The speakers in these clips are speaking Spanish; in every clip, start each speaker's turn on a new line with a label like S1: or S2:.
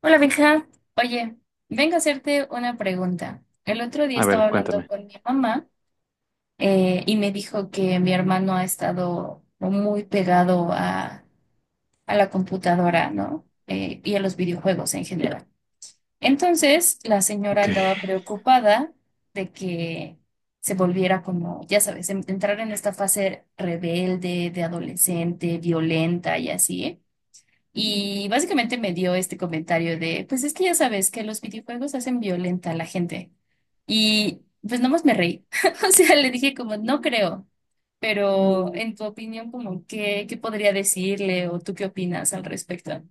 S1: Hola, Benja. Oye, vengo a hacerte una pregunta. El otro día
S2: A
S1: estaba
S2: ver,
S1: hablando
S2: cuéntame.
S1: con mi mamá y me dijo que mi hermano ha estado muy pegado a la computadora, ¿no? Y a los videojuegos en general. Entonces, la señora
S2: Ok.
S1: andaba preocupada de que se volviera como, ya sabes, entrar en esta fase rebelde, de adolescente, violenta y así. Y básicamente me dio este comentario de, pues es que ya sabes que los videojuegos hacen violenta a la gente. Y pues nomás me reí. O sea, le dije como, no creo, pero en tu opinión, como, ¿qué podría decirle o tú qué opinas al respecto?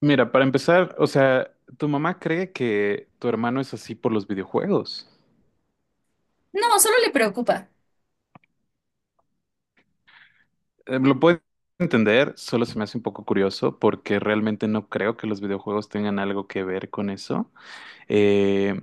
S2: Mira, para empezar, o sea, tu mamá cree que tu hermano es así por los videojuegos.
S1: No, solo le preocupa.
S2: Lo puedo entender, solo se me hace un poco curioso porque realmente no creo que los videojuegos tengan algo que ver con eso. Eh,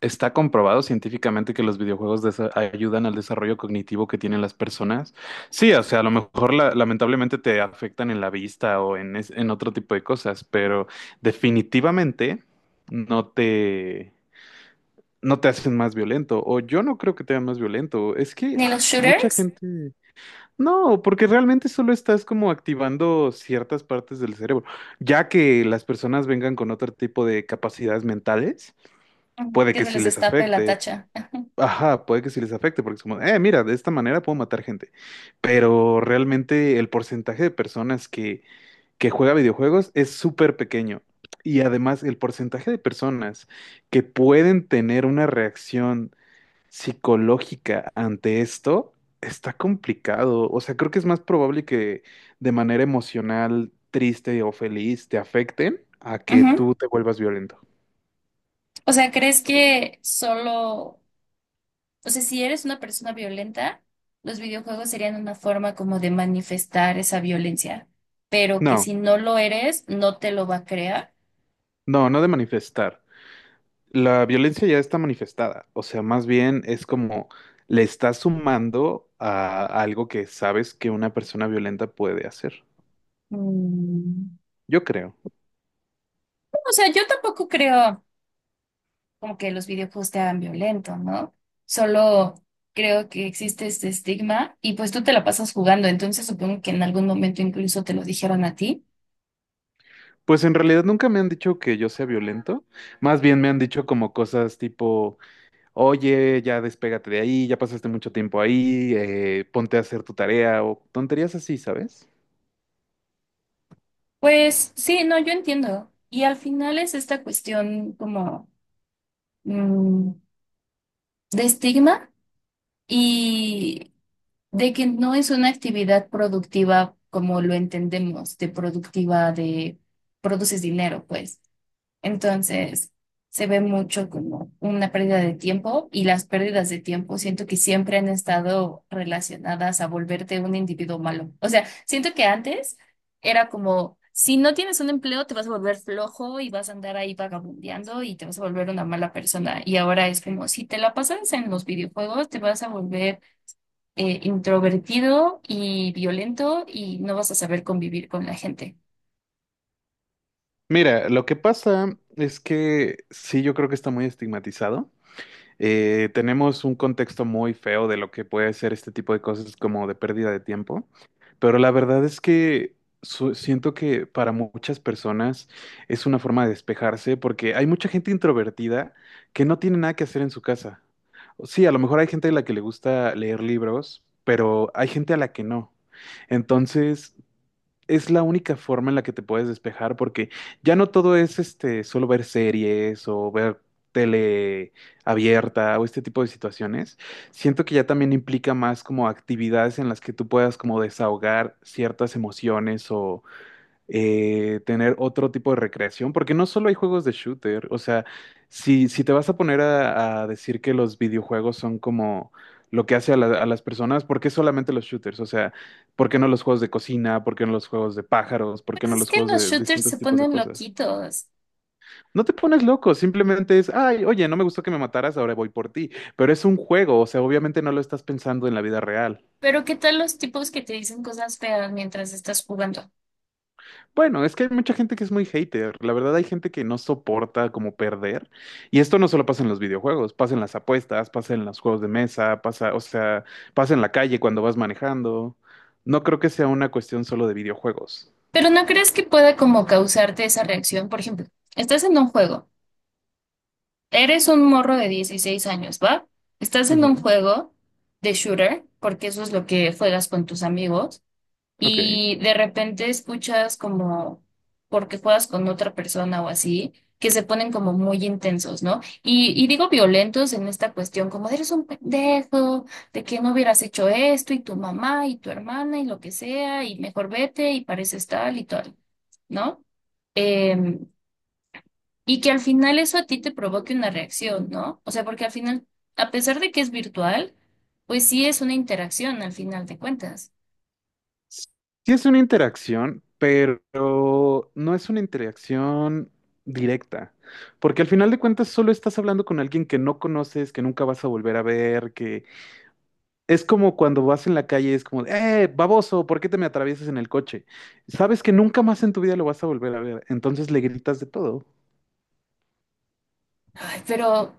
S2: Está comprobado científicamente que los videojuegos ayudan al desarrollo cognitivo que tienen las personas. Sí, o sea, a lo mejor lamentablemente te afectan en la vista o en otro tipo de cosas, pero definitivamente no te... no te hacen más violento, o yo no creo que te hagan más violento, es que
S1: Ni los
S2: mucha
S1: shooters.
S2: gente, no, porque realmente solo estás como activando ciertas partes del cerebro, ya que las personas vengan con otro tipo de capacidades mentales,
S1: Ujú,
S2: puede
S1: que
S2: que
S1: se
S2: sí
S1: les
S2: les
S1: destape la
S2: afecte,
S1: tacha.
S2: ajá, puede que sí les afecte, porque es como, mira, de esta manera puedo matar gente, pero realmente el porcentaje de personas que juega videojuegos es súper pequeño. Y además el porcentaje de personas que pueden tener una reacción psicológica ante esto, está complicado. O sea, creo que es más probable que de manera emocional, triste o feliz te afecten a que
S1: Ujú.
S2: tú te vuelvas violento.
S1: O sea, ¿crees que solo O sea, si eres una persona violenta, los videojuegos serían una forma como de manifestar esa violencia, pero que
S2: No,
S1: si no lo eres, no te lo va a crear.
S2: no, no de manifestar. La violencia ya está manifestada. O sea, más bien es como le estás sumando a algo que sabes que una persona violenta puede hacer.
S1: Mm.
S2: Yo creo.
S1: O sea, yo tampoco creo como que los videojuegos te hagan violento, ¿no? Solo creo que existe este estigma y pues tú te la pasas jugando, entonces supongo que en algún momento incluso te lo dijeron a ti.
S2: Pues en realidad nunca me han dicho que yo sea violento. Más bien me han dicho como cosas tipo... Oye, ya despégate de ahí, ya pasaste mucho tiempo ahí, ponte a hacer tu tarea o tonterías así, ¿sabes?
S1: Pues sí, no, yo entiendo. Y al final es esta cuestión como, mm, de estigma. Y de que no es una actividad productiva como lo entendemos, de productiva de produces dinero, pues. Entonces, se ve mucho como una pérdida de tiempo y las pérdidas de tiempo siento que siempre han estado relacionadas a volverte un individuo malo. O sea, siento que antes era como, si no tienes un empleo, te vas a volver flojo y vas a andar ahí vagabundeando y te vas a volver una mala persona. Y ahora es como, si te la pasas en los videojuegos, te vas a volver introvertido y violento y no vas a saber convivir con la gente.
S2: Mira, lo que pasa es que sí, yo creo que está muy estigmatizado. Tenemos un contexto muy feo de lo que puede ser este tipo de cosas como de pérdida de tiempo. Pero la verdad es que siento que para muchas personas es una forma de despejarse porque hay mucha gente introvertida que no tiene nada que hacer en su casa. Sí, a lo mejor hay gente a la que le gusta leer libros, pero hay gente a la que no. Entonces, es la única forma en la que te puedes despejar porque ya no todo es este solo ver series o ver tele abierta o este tipo de situaciones. Siento que ya también implica más como actividades en las que tú puedas como desahogar ciertas emociones o tener otro tipo de recreación, porque no solo hay juegos de shooter, o sea, si te vas a poner a decir que los videojuegos son como lo que hace a las personas, ¿por qué solamente los shooters? O sea, ¿por qué no los juegos de cocina? ¿Por qué no los juegos de pájaros? ¿Por qué
S1: Pues
S2: no
S1: es
S2: los
S1: que
S2: juegos
S1: los
S2: de
S1: shooters se
S2: distintos tipos de
S1: ponen
S2: cosas?
S1: loquitos,
S2: No te pones loco, simplemente es, ay, oye, no me gustó que me mataras, ahora voy por ti, pero es un juego, o sea, obviamente no lo estás pensando en la vida real.
S1: pero ¿qué tal los tipos que te dicen cosas feas mientras estás jugando?
S2: Bueno, es que hay mucha gente que es muy hater. La verdad, hay gente que no soporta como perder. Y esto no solo pasa en los videojuegos, pasa en las apuestas, pasa en los juegos de mesa, pasa, o sea, pasa en la calle cuando vas manejando. No creo que sea una cuestión solo de videojuegos.
S1: Pero ¿no crees que pueda como causarte esa reacción? Por ejemplo, estás en un juego, eres un morro de 16 años, ¿va? Estás en un
S2: Ujú.
S1: juego de shooter, porque eso es lo que juegas con tus amigos
S2: Ok.
S1: y de repente escuchas como, porque juegas con otra persona o así, que se ponen como muy intensos, ¿no? Y digo violentos en esta cuestión, como eres un pendejo, de que no hubieras hecho esto, y tu mamá, y tu hermana, y lo que sea, y mejor vete, y pareces tal y tal, ¿no? Em, y que al final eso a ti te provoque una reacción, ¿no? O sea, porque al final, a pesar de que es virtual, pues sí es una interacción al final de cuentas.
S2: Sí es una interacción, pero no es una interacción directa. Porque al final de cuentas solo estás hablando con alguien que no conoces, que nunca vas a volver a ver. Es como cuando vas en la calle y es como, baboso, ¿por qué te me atraviesas en el coche? Sabes que nunca más en tu vida lo vas a volver a ver, entonces le gritas de todo.
S1: Ay, pero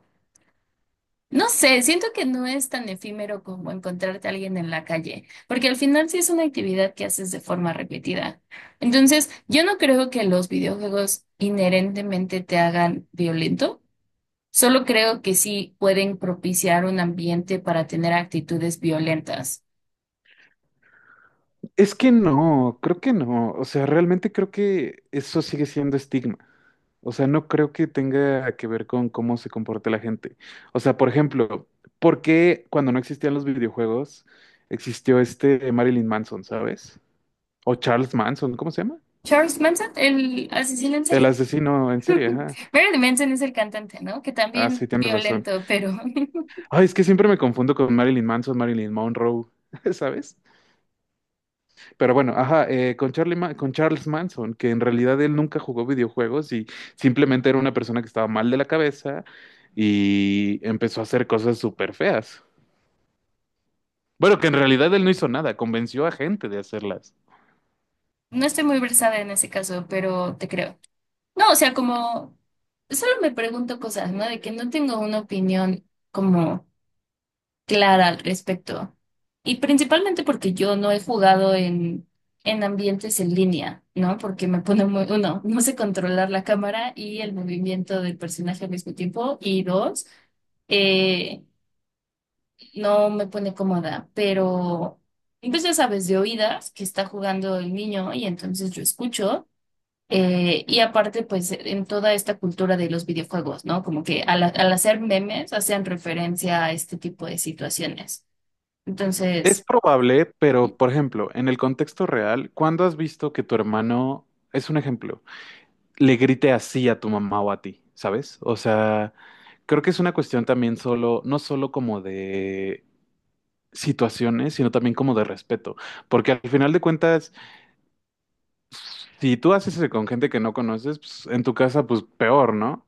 S1: no sé, siento que no es tan efímero como encontrarte a alguien en la calle, porque al final sí es una actividad que haces de forma repetida. Entonces, yo no creo que los videojuegos inherentemente te hagan violento, solo creo que sí pueden propiciar un ambiente para tener actitudes violentas.
S2: Es que no, creo que no, o sea, realmente creo que eso sigue siendo estigma. O sea, no creo que tenga que ver con cómo se comporta la gente. O sea, por ejemplo, ¿por qué cuando no existían los videojuegos existió este Marilyn Manson, ¿sabes? O Charles Manson, ¿cómo se llama?
S1: Charles Manson, el asesino en
S2: El
S1: serie.
S2: asesino en serie, ajá.
S1: Marilyn Manson es el cantante, ¿no? Que
S2: Ah, sí,
S1: también
S2: tienes razón.
S1: violento, pero…
S2: Ay, es que siempre me confundo con Marilyn Manson, Marilyn Monroe, ¿sabes? Pero bueno, ajá, con con Charles Manson, que en realidad él nunca jugó videojuegos y simplemente era una persona que estaba mal de la cabeza y empezó a hacer cosas súper feas. Bueno, que en realidad él no hizo nada, convenció a gente de hacerlas.
S1: No estoy muy versada en ese caso, pero te creo. No, o sea, como solo me pregunto cosas, ¿no? De que no tengo una opinión como clara al respecto. Y principalmente porque yo no he jugado en ambientes en línea, ¿no? Porque me pone muy, uno, no sé controlar la cámara y el movimiento del personaje al mismo tiempo. Y dos, eh, no me pone cómoda, pero pues ya sabes, de oídas que está jugando el niño y entonces yo escucho. Y aparte, pues en toda esta cultura de los videojuegos, ¿no? Como que al hacer memes hacen referencia a este tipo de situaciones.
S2: Es
S1: Entonces,
S2: probable, pero por ejemplo, en el contexto real, ¿cuándo has visto que tu hermano, es un ejemplo, le grite así a tu mamá o a ti, ¿sabes? O sea, creo que es una cuestión también solo, no solo como de situaciones, sino también como de respeto, porque al final de cuentas, si tú haces eso con gente que no conoces, pues, en tu casa, pues peor, ¿no?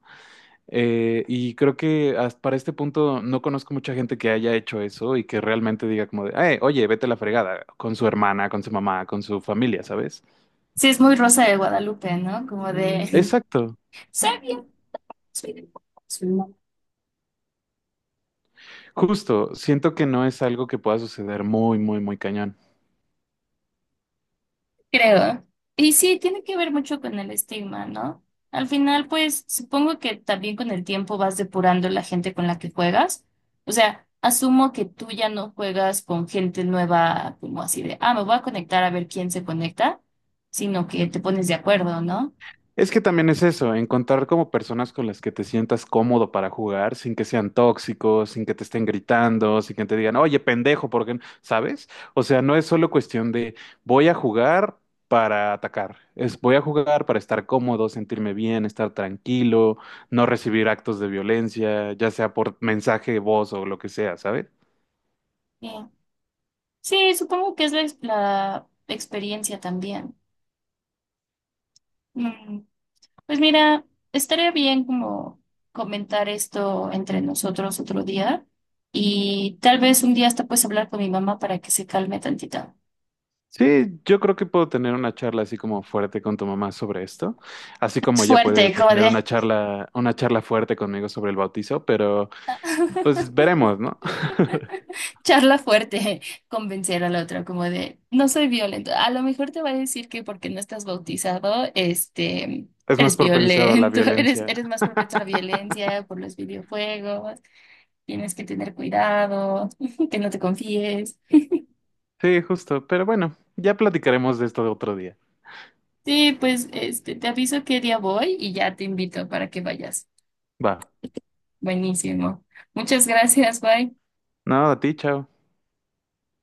S2: Y creo que hasta para este punto no conozco mucha gente que haya hecho eso y que realmente diga como de, "Ay, oye, vete a la fregada con su hermana, con su mamá, con su familia, ¿sabes?
S1: sí es muy Rosa de Guadalupe, ¿no? Como de,
S2: Exacto,
S1: soy bien, soy de pocos".
S2: justo, siento que no es algo que pueda suceder muy, muy, muy cañón.
S1: Creo. Y sí, tiene que ver mucho con el estigma, ¿no? Al final, pues supongo que también con el tiempo vas depurando la gente con la que juegas. O sea, asumo que tú ya no juegas con gente nueva, como así de, ah, me voy a conectar a ver quién se conecta, sino que te pones de acuerdo, ¿no?
S2: Es que también es eso, encontrar como personas con las que te sientas cómodo para jugar, sin que sean tóxicos, sin que te estén gritando, sin que te digan, oye, pendejo, ¿por qué no?", ¿Sabes? O sea, no es solo cuestión de voy a jugar para atacar, es voy a jugar para estar cómodo, sentirme bien, estar tranquilo, no recibir actos de violencia, ya sea por mensaje, voz o lo que sea, ¿sabes?
S1: Sí. Sí, supongo que es la, la experiencia también. Mm. Pues mira, estaría bien como comentar esto entre nosotros otro día y tal vez un día hasta puedes hablar con mi mamá para que se calme tantito.
S2: Sí, yo creo que puedo tener una charla así como fuerte con tu mamá sobre esto, así como ella puede
S1: Fuerte, como
S2: tener una
S1: de…
S2: charla, una charla fuerte conmigo sobre el bautizo, pero pues veremos, ¿no?
S1: Charla fuerte, convencer a la otra como de no soy violento. A lo mejor te va a decir que porque no estás bautizado, este,
S2: Es más
S1: eres
S2: propenso a la
S1: violento,
S2: violencia.
S1: eres más propenso a la violencia por los videojuegos, tienes que tener cuidado, que no te confíes.
S2: Sí, justo, pero bueno, ya platicaremos de esto de otro día.
S1: Sí, pues este, te aviso qué día voy y ya te invito para que vayas.
S2: Va.
S1: Buenísimo. Muchas gracias, bye.
S2: No, a ti, chao.